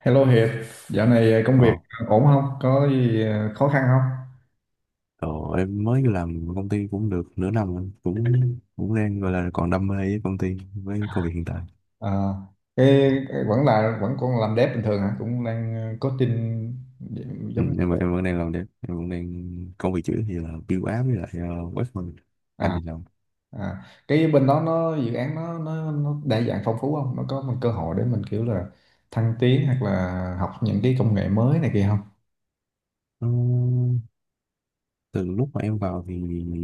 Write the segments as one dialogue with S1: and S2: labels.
S1: Hello Hiệp, dạo này công
S2: Ờ,
S1: việc ổn không? Có gì khó khăn không?
S2: ờ, em mới làm công ty cũng được nửa năm rồi. Cũng cũng đang gọi là còn đam mê với công ty với công việc hiện tại.
S1: À, cái, cái vẫn còn làm dev bình thường hả? Cũng đang coding
S2: ừ,
S1: giống.
S2: em em vẫn đang làm đẹp, em vẫn đang công việc chữ thì là build app với lại web thôi. Anh
S1: à,
S2: thì làm.
S1: cái bên đó nó dự án nó đa dạng phong phú không? Nó có một cơ hội để mình kiểu là thăng tiến hoặc là học những cái công nghệ mới này kia.
S2: Ờ, Từ lúc mà em vào thì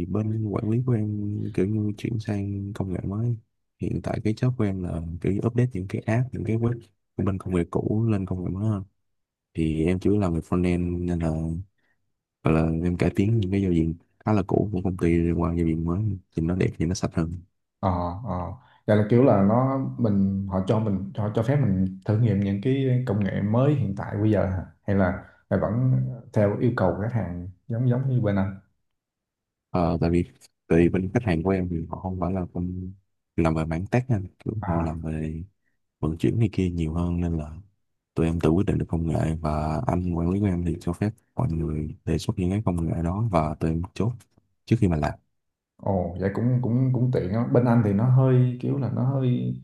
S2: bên quản lý của em kiểu như chuyển sang công nghệ mới. Hiện tại cái job của em là kiểu như update những cái app, những cái web của bên công nghệ cũ lên công nghệ mới hơn. Thì em chủ yếu làm về frontend nên là hoặc là em cải tiến những cái giao diện khá là cũ của công ty qua giao diện mới, thì nó đẹp thì nó sạch hơn.
S1: ờ ờ Vậy là kiểu là nó mình họ cho phép mình thử nghiệm những cái công nghệ mới hiện tại bây giờ hả? Hay vẫn theo yêu cầu của khách hàng giống giống như bên anh.
S2: Ờ, tại vì tại vì bên khách hàng của em thì họ không phải là công, làm về mảng tech, anh kiểu họ
S1: à
S2: làm về vận chuyển này kia nhiều hơn, nên là tụi em tự quyết định được công nghệ. Và anh quản lý của em thì cho phép mọi người đề xuất những cái công nghệ đó và tụi em chốt trước khi mà làm.
S1: Ồ, vậy cũng cũng cũng tiện á. Bên anh thì nó hơi kiểu là nó hơi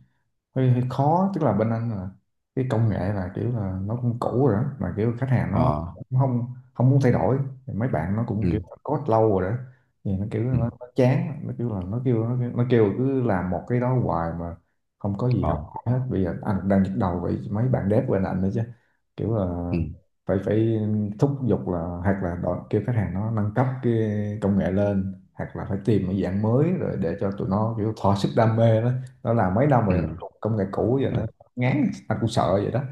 S1: hơi, hơi khó, tức là bên anh là cái công nghệ là kiểu là nó cũng cũ rồi đó, mà kiểu khách hàng nó
S2: Ờ,
S1: cũng không không muốn thay đổi. Thì mấy bạn nó
S2: ừ,
S1: cũng kiểu code lâu rồi đó, thì nó kiểu
S2: ừ,
S1: nó chán, nó kiểu là nó kêu nó kêu cứ làm một cái đó hoài mà không có gì học
S2: ờ,
S1: hỏi hết. Bây giờ anh đang nhức đầu vậy mấy bạn dev bên anh nữa chứ, kiểu là
S2: ừ,
S1: phải phải thúc giục là hoặc là kêu khách hàng nó nâng cấp cái công nghệ lên, hoặc là phải tìm một dạng mới rồi để cho tụi nó kiểu thỏa sức đam mê đó. Nó làm mấy năm
S2: ừ,
S1: rồi nó công nghệ cũ vậy
S2: ừ,
S1: nó ngán, anh cũng sợ vậy đó.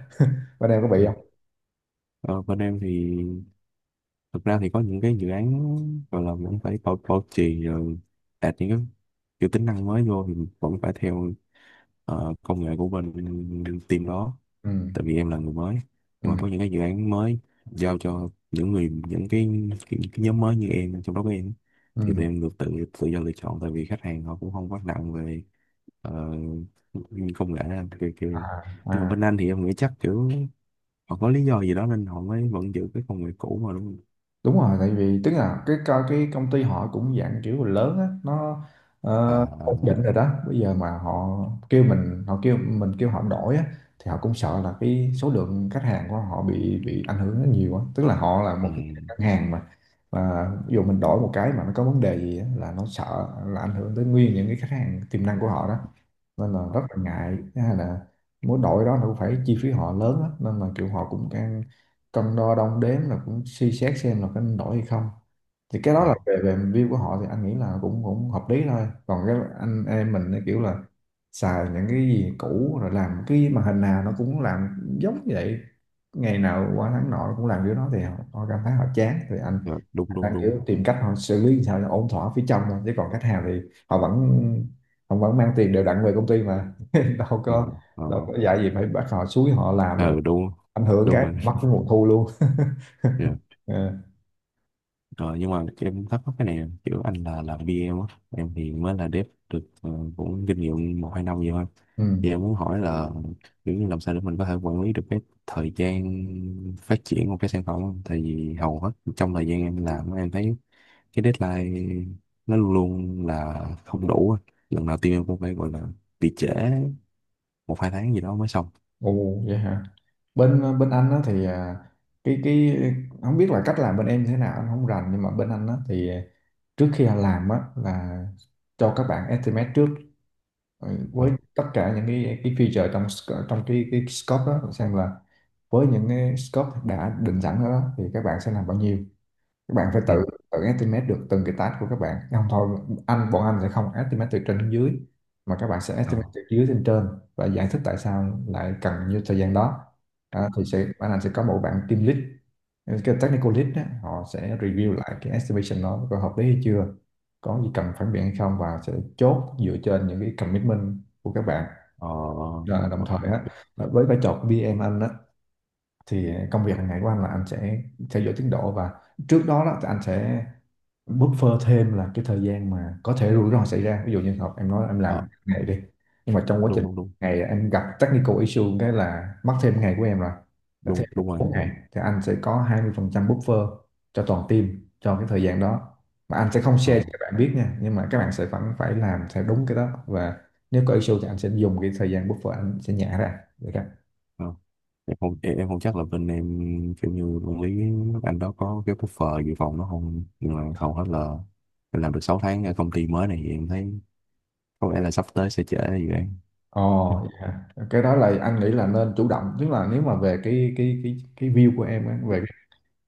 S1: Bên em có
S2: ừ.
S1: bị không?
S2: Ờ, bên em thì thực ra thì có những cái dự án gọi là vẫn phải bảo trì, rồi đạt những cái kiểu tính năng mới vô thì vẫn phải theo công nghệ của bên team đó.
S1: Ừ,
S2: Tại vì em là người mới, nhưng mà có
S1: ừ,
S2: những cái dự án mới giao cho những người, những cái nhóm mới như em, trong đó có em, thì tụi
S1: ừ.
S2: em được tự tự do lựa chọn, tại vì khách hàng họ cũng không quá nặng về ờ, công nghệ đâu, kiểu,
S1: À,
S2: kiểu Nhưng mà
S1: à,
S2: bên anh thì em nghĩ chắc kiểu họ có lý do gì đó nên họ mới vẫn giữ cái công nghệ cũ mà, đúng không?
S1: đúng rồi. Tại vì tức là cái công ty họ cũng dạng kiểu là lớn á, nó
S2: À,
S1: ổn định rồi đó. Bây giờ mà họ kêu mình kêu họ đổi á, thì họ cũng sợ là cái số lượng khách hàng của họ bị ảnh hưởng rất nhiều á, tức là họ là một
S2: ừ,
S1: cái ngân hàng mà ví dụ mình đổi một cái mà nó có vấn đề gì á, là nó sợ là ảnh hưởng tới nguyên những cái khách hàng tiềm năng của họ đó, nên là rất là ngại. Thứ hai là muốn đổi đó nó cũng phải chi phí họ lớn á, nên là kiểu họ cũng đang cân đo đong đếm là cũng suy xét xem là có nên đổi hay không. Thì cái đó
S2: ờ,
S1: là về về view của họ thì anh nghĩ là cũng cũng hợp lý thôi. Còn cái anh em mình thì kiểu là xài những cái gì cũ rồi, làm cái màn hình nào nó cũng làm giống vậy, ngày nào qua tháng nọ cũng làm kiểu đó, thì họ cảm thấy họ chán, thì anh
S2: rồi, đúng
S1: anh
S2: đúng
S1: đang
S2: đúng,
S1: kiểu tìm cách họ xử lý làm sao cho ổn thỏa phía trong thôi, chứ còn khách hàng thì họ vẫn họ vẫn mang tiền đều đặn về công ty mà đâu có
S2: rồi, ờ,
S1: đâu có dạy gì phải bắt họ, xúi họ làm
S2: ờ,
S1: rồi
S2: ừ, đúng
S1: ảnh hưởng
S2: đúng
S1: cái
S2: rồi.
S1: mất cái nguồn thu luôn.
S2: Rồi,
S1: Ờ,
S2: rồi, nhưng mà em thắc mắc cái này nè, kiểu anh là làm bê em á, em thì mới là dev được cũng kinh nghiệm một hai năm vậy thôi. Thì
S1: ừ.
S2: em muốn hỏi là kiểu như làm sao để mình có thể quản lý được cái thời gian phát triển của cái sản phẩm không? Tại vì hầu hết trong thời gian em làm, em thấy cái deadline nó luôn luôn là không đủ á. Lần nào team em cũng phải gọi là bị trễ một hai tháng gì đó mới xong.
S1: Ồ vậy hả? Bên bên anh á thì cái không biết là cách làm bên em thế nào anh không rành, nhưng mà bên anh á thì trước khi anh làm á là cho các bạn estimate trước, ừ,
S2: Ờ,
S1: với tất cả những cái feature trong trong cái scope đó, xem là với những cái scope đã định sẵn đó thì các bạn sẽ làm bao nhiêu. Các bạn phải
S2: ừ.
S1: tự tự estimate được từng cái task của các bạn không thôi. Bọn anh sẽ không estimate từ trên đến dưới, mà các bạn sẽ
S2: Ờ.
S1: estimate từ dưới lên trên và giải thích tại sao lại cần như thời gian đó. Thì bạn anh sẽ có một bạn team lead, cái technical lead đó, họ sẽ review lại cái estimation đó có hợp lý hay chưa, có gì cần phản biện hay không, và sẽ chốt dựa trên những cái commitment của các bạn.
S2: Ờ,
S1: Rồi đồng
S2: ok,
S1: thời á
S2: ok.
S1: là với vai trò của PM anh á, thì công việc hàng ngày của anh là anh sẽ theo dõi tiến độ, và trước đó thì anh sẽ buffer thêm là cái thời gian mà có thể rủi ro xảy ra, ví dụ như học em nói là em
S2: Ờ,
S1: làm ngày đi, nhưng mà trong quá
S2: đúng
S1: trình
S2: đúng đúng
S1: ngày em gặp technical issue cái là mất thêm ngày của em rồi. Là
S2: đúng
S1: thêm
S2: đúng rồi.
S1: 4 ngày thì anh sẽ có 20% buffer cho toàn team cho cái thời gian đó, mà anh sẽ không
S2: Ờ,
S1: share cho các bạn biết nha, nhưng mà các bạn sẽ vẫn phải làm theo đúng cái đó, và nếu có issue thì anh sẽ dùng cái thời gian buffer anh sẽ nhả ra được không?
S2: ờ. em không em, em không chắc là bên em kiểu như quản lý nước Anh đó có cái buffer dự phòng nó không, nhưng mà hầu hết là em làm được 6 tháng ở công ty mới này thì em thấy có vẻ là sắp tới sẽ trễ dự án.
S1: Ồ, dạ. Cái đó là anh nghĩ là nên chủ động, tức là nếu mà về cái view của em á, về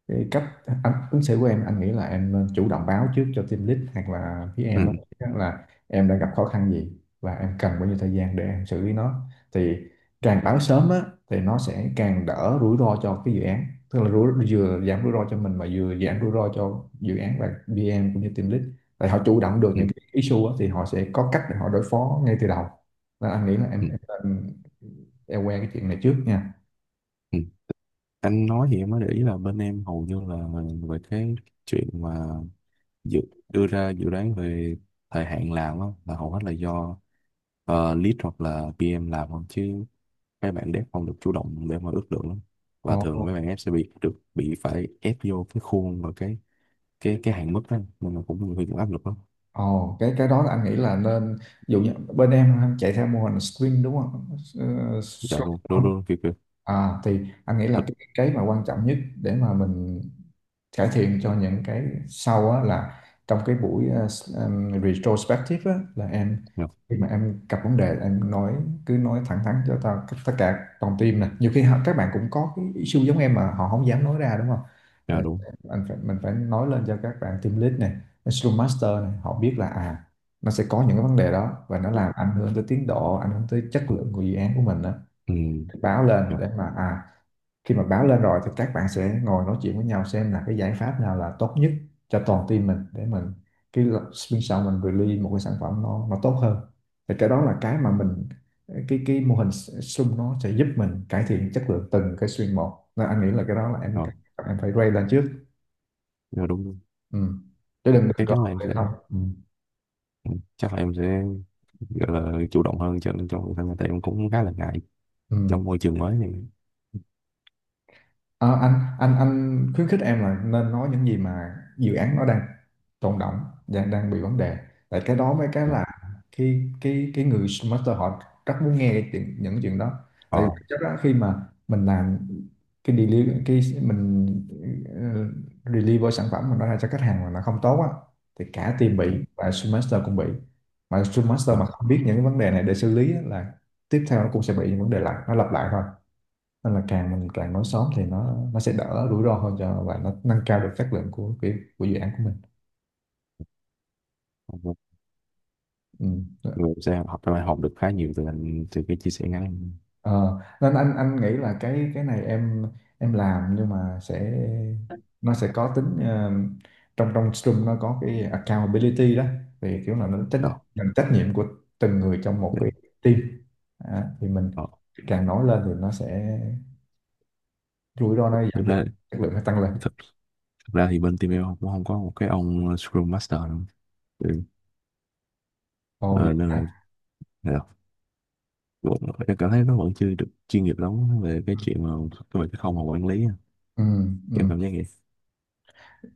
S1: cái cách anh ứng xử của em, anh nghĩ là em nên chủ động báo trước cho team lead hoặc là phía em á
S2: Ừ,
S1: là em đã gặp khó khăn gì và em cần bao nhiêu thời gian để em xử lý nó. Thì càng báo sớm á thì nó sẽ càng đỡ rủi ro cho cái dự án, tức là vừa giảm rủi ro cho mình mà vừa giảm rủi ro cho dự án, và PM cũng như team lead tại họ chủ động được
S2: ừ,
S1: những cái issue á, thì họ sẽ có cách để họ đối phó ngay từ đầu. Nên anh nghĩ là
S2: ừ,
S1: em, em quen cái chuyện này trước nha.
S2: ừ. Anh nói thì em mới để ý là bên em hầu như là về cái chuyện mà dự, đưa ra dự đoán về thời hạn làm á, là hầu hết là do lead hoặc là PM làm không, chứ mấy bạn dev không được chủ động để mà ước lượng lắm. Và thường
S1: Ồ,
S2: mấy bạn ép sẽ bị phải ép vô cái khuôn và cái hạn mức đó, nên là cũng hơi cũng áp lực lắm.
S1: Ồ, cái đó là anh nghĩ là nên, ví dụ như bên em chạy theo mô hình sprint đúng không? Ờ,
S2: Dạ đúng đúng
S1: Scrum.
S2: đúng, kiểu kiểu.
S1: À, thì anh nghĩ là
S2: Thật.
S1: cái mà quan trọng nhất để mà mình cải thiện cho những cái sau á là trong cái buổi em retrospective á, là em
S2: Dạ.
S1: khi mà em gặp vấn đề em nói, cứ nói thẳng thắn cho tao tất cả toàn team nè, nhiều khi các bạn cũng có cái issue giống em mà họ không dám nói ra đúng không.
S2: Dạ
S1: Ờ,
S2: đúng.
S1: anh phải, mình phải nói lên cho các bạn team lead này, Scrum Master này, họ biết là à nó sẽ có những cái vấn đề đó và nó làm ảnh hưởng tới tiến độ, ảnh hưởng tới chất lượng của dự án của mình đó,
S2: Ừ.
S1: báo lên
S2: Dạ.
S1: để mà khi mà báo lên rồi thì các bạn sẽ ngồi nói chuyện với nhau xem là cái giải pháp nào là tốt nhất cho toàn team mình, để mình cái bên sau mình release một cái sản phẩm nó tốt hơn. Thì cái đó là cái mà mình cái mô hình sum nó sẽ giúp mình cải thiện chất lượng từng cái stream một, nên anh nghĩ là cái đó là em
S2: Dạ.
S1: em phải raise lên trước.
S2: Dạ, đúng đúng.
S1: Ừ. Chứ đừng đừng
S2: Chắc
S1: có
S2: chắn là em
S1: vậy
S2: sẽ,
S1: không. Ừ.
S2: ừ, chắc là em sẽ gọi là chủ động hơn, cho nên trong cuộc sống tại em cũng khá là ngại
S1: Ừ.
S2: trong môi trường mới này.
S1: Ờ, anh khuyến khích em là nên nói những gì mà dự án nó đang tồn đọng, đang đang bị vấn đề. Tại cái đó mới cái
S2: Dạ.
S1: là khi cái người master họ rất muốn nghe những chuyện đó,
S2: Ờ.
S1: tại vì chắc là khi mà mình làm cái deliver deliver sản phẩm mình nó ra cho khách hàng mà nó không tốt á, thì cả team
S2: Dạ,
S1: bị và Scrum master cũng bị, mà Scrum master
S2: dạ.
S1: mà không biết những cái vấn đề này để xử lý á, là tiếp theo nó cũng sẽ bị những vấn đề lại, nó lặp lại thôi. Nên là càng mình càng nói sớm thì nó sẽ đỡ rủi ro hơn cho, và nó nâng cao được chất lượng của dự án của mình.
S2: Dạ.
S1: Ừ.
S2: Người sẽ học, em học được khá nhiều từ anh từ cái chia sẻ ngắn.
S1: Ờ, nên anh nghĩ là cái này em làm nhưng mà sẽ nó sẽ có tính trong trong Scrum nó có cái accountability đó, thì kiểu là nó tính
S2: Dạ.
S1: tính trách nhiệm của từng người trong một
S2: Dạ.
S1: cái team. Đó, thì mình
S2: Ờ,
S1: càng nói lên thì nó sẽ rủi ro nó
S2: thực
S1: giảm đi,
S2: ra
S1: chất lượng nó tăng lên.
S2: thực Thực ra thì bên team em cũng không có một cái ông Scrum Master đâu. Ừ.
S1: Ồ vậy
S2: Ờ, nên
S1: hả?
S2: là cũng- em cảm thấy nó vẫn chưa được chuyên nghiệp lắm về cái chuyện mà về cái không mà quản lý á.
S1: Ừ, ừ.
S2: Em cảm giác vậy.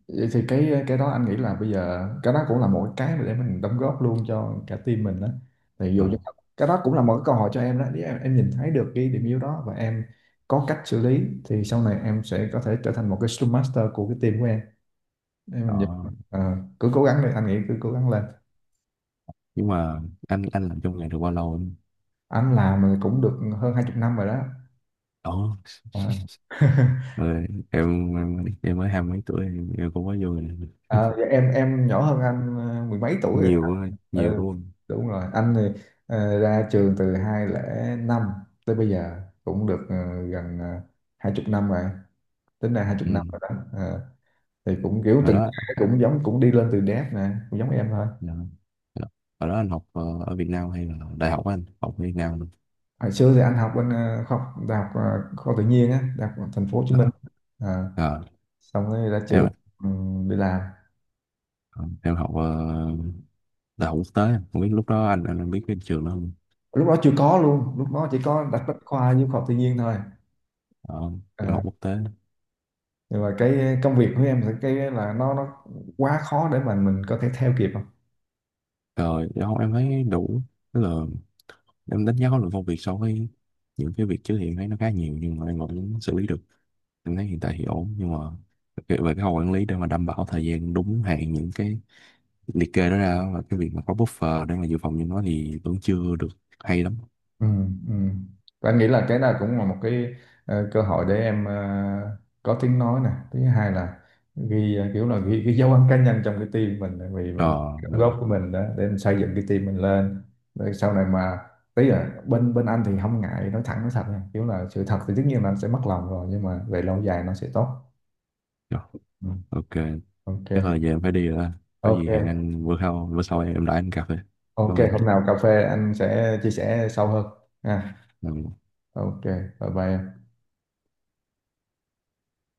S1: Vậy thì cái đó anh nghĩ là bây giờ cái đó cũng là một cái mà để mình đóng góp luôn cho cả team mình đó. Thì
S2: Ờ.
S1: dù cho cái đó cũng là một cái câu hỏi cho em đó, nếu em nhìn thấy được cái điểm yếu đó và em có cách xử lý, thì sau này em sẽ có thể trở thành một cái Scrum Master của cái team của em. Để mình nhìn,
S2: Ờ.
S1: ờ, cứ cố gắng đi, anh nghĩ cứ cố gắng lên.
S2: Nhưng mà anh làm trong nghề được bao lâu anh
S1: Anh làm thì cũng được hơn hai chục năm rồi đó.
S2: đó?
S1: Ờ.
S2: Em mới hai mấy tuổi, em cũng mới vô nghề.
S1: À, dạ em nhỏ hơn anh mười mấy tuổi rồi.
S2: Nhiều quá, nhiều
S1: Ừ,
S2: đúng không.
S1: đúng rồi. Anh thì ra trường từ 2005 tới bây giờ cũng được gần hai chục năm rồi. Tính ra hai chục
S2: Ừ.
S1: năm rồi đó. Ờ, thì cũng kiểu
S2: Hồi đó.
S1: cũng đi lên từ đét nè, cũng giống em thôi.
S2: Dạ. Dạ. Hồi đó anh học ở Việt Nam hay là đại học á anh học ở Việt Nam luôn.
S1: Hồi xưa thì anh học bên khoa học đại học khoa học tự nhiên á, đại học thành phố Hồ Chí Minh.
S2: Ờ.
S1: Ờ,
S2: Ờ.
S1: xong rồi ra trường
S2: Em.
S1: đi làm.
S2: Ờ, em học đại học quốc tế, không biết lúc đó anh biết cái trường đó không.
S1: Lúc đó chưa có luôn, lúc đó chỉ có đặt bách khoa với khoa học tự nhiên thôi.
S2: Ờ, em học
S1: Ờ,
S2: quốc tế.
S1: nhưng mà cái công việc của em thì cái là nó quá khó để mà mình có thể theo kịp không.
S2: Rồi em không em thấy đủ, tức là em đánh giá khối lượng công việc so với những cái việc trước thì em thấy nó khá nhiều, nhưng mà em vẫn xử lý được. Em thấy hiện tại thì ổn, nhưng mà cái- về cái khâu quản lý để mà đảm bảo thời gian đúng hạn, những cái liệt kê đó ra, và cái việc mà có buffer để mà dự phòng cho nó, thì vẫn chưa được hay lắm.
S1: Ừ, ừ. Và anh nghĩ là cái nào cũng là một cái cơ hội để em có tiếng nói nè, thứ hai là ghi kiểu là ghi cái dấu ấn cá nhân trong cái team mình, tại vì
S2: Ờ.
S1: mình đóng
S2: Rồi,
S1: góp của mình đó để mình xây dựng cái team mình lên, để sau này mà tí là bên bên anh thì không ngại nói thẳng nói thật nha, kiểu là sự thật thì tất nhiên là anh sẽ mất lòng rồi, nhưng mà về lâu dài nó sẽ tốt.
S2: rồi,
S1: Ừ.
S2: ok.
S1: OK.
S2: Chắc là giờ em phải đi rồi đó. Có gì hẹn
S1: OK.
S2: anh bữa sau, bữa sau em đãi anh cà phê.
S1: Ok,
S2: Vâng anh.
S1: hôm nào cà phê anh sẽ chia sẻ sâu hơn. Ha.
S2: Ừ.
S1: Ok, bye bye em.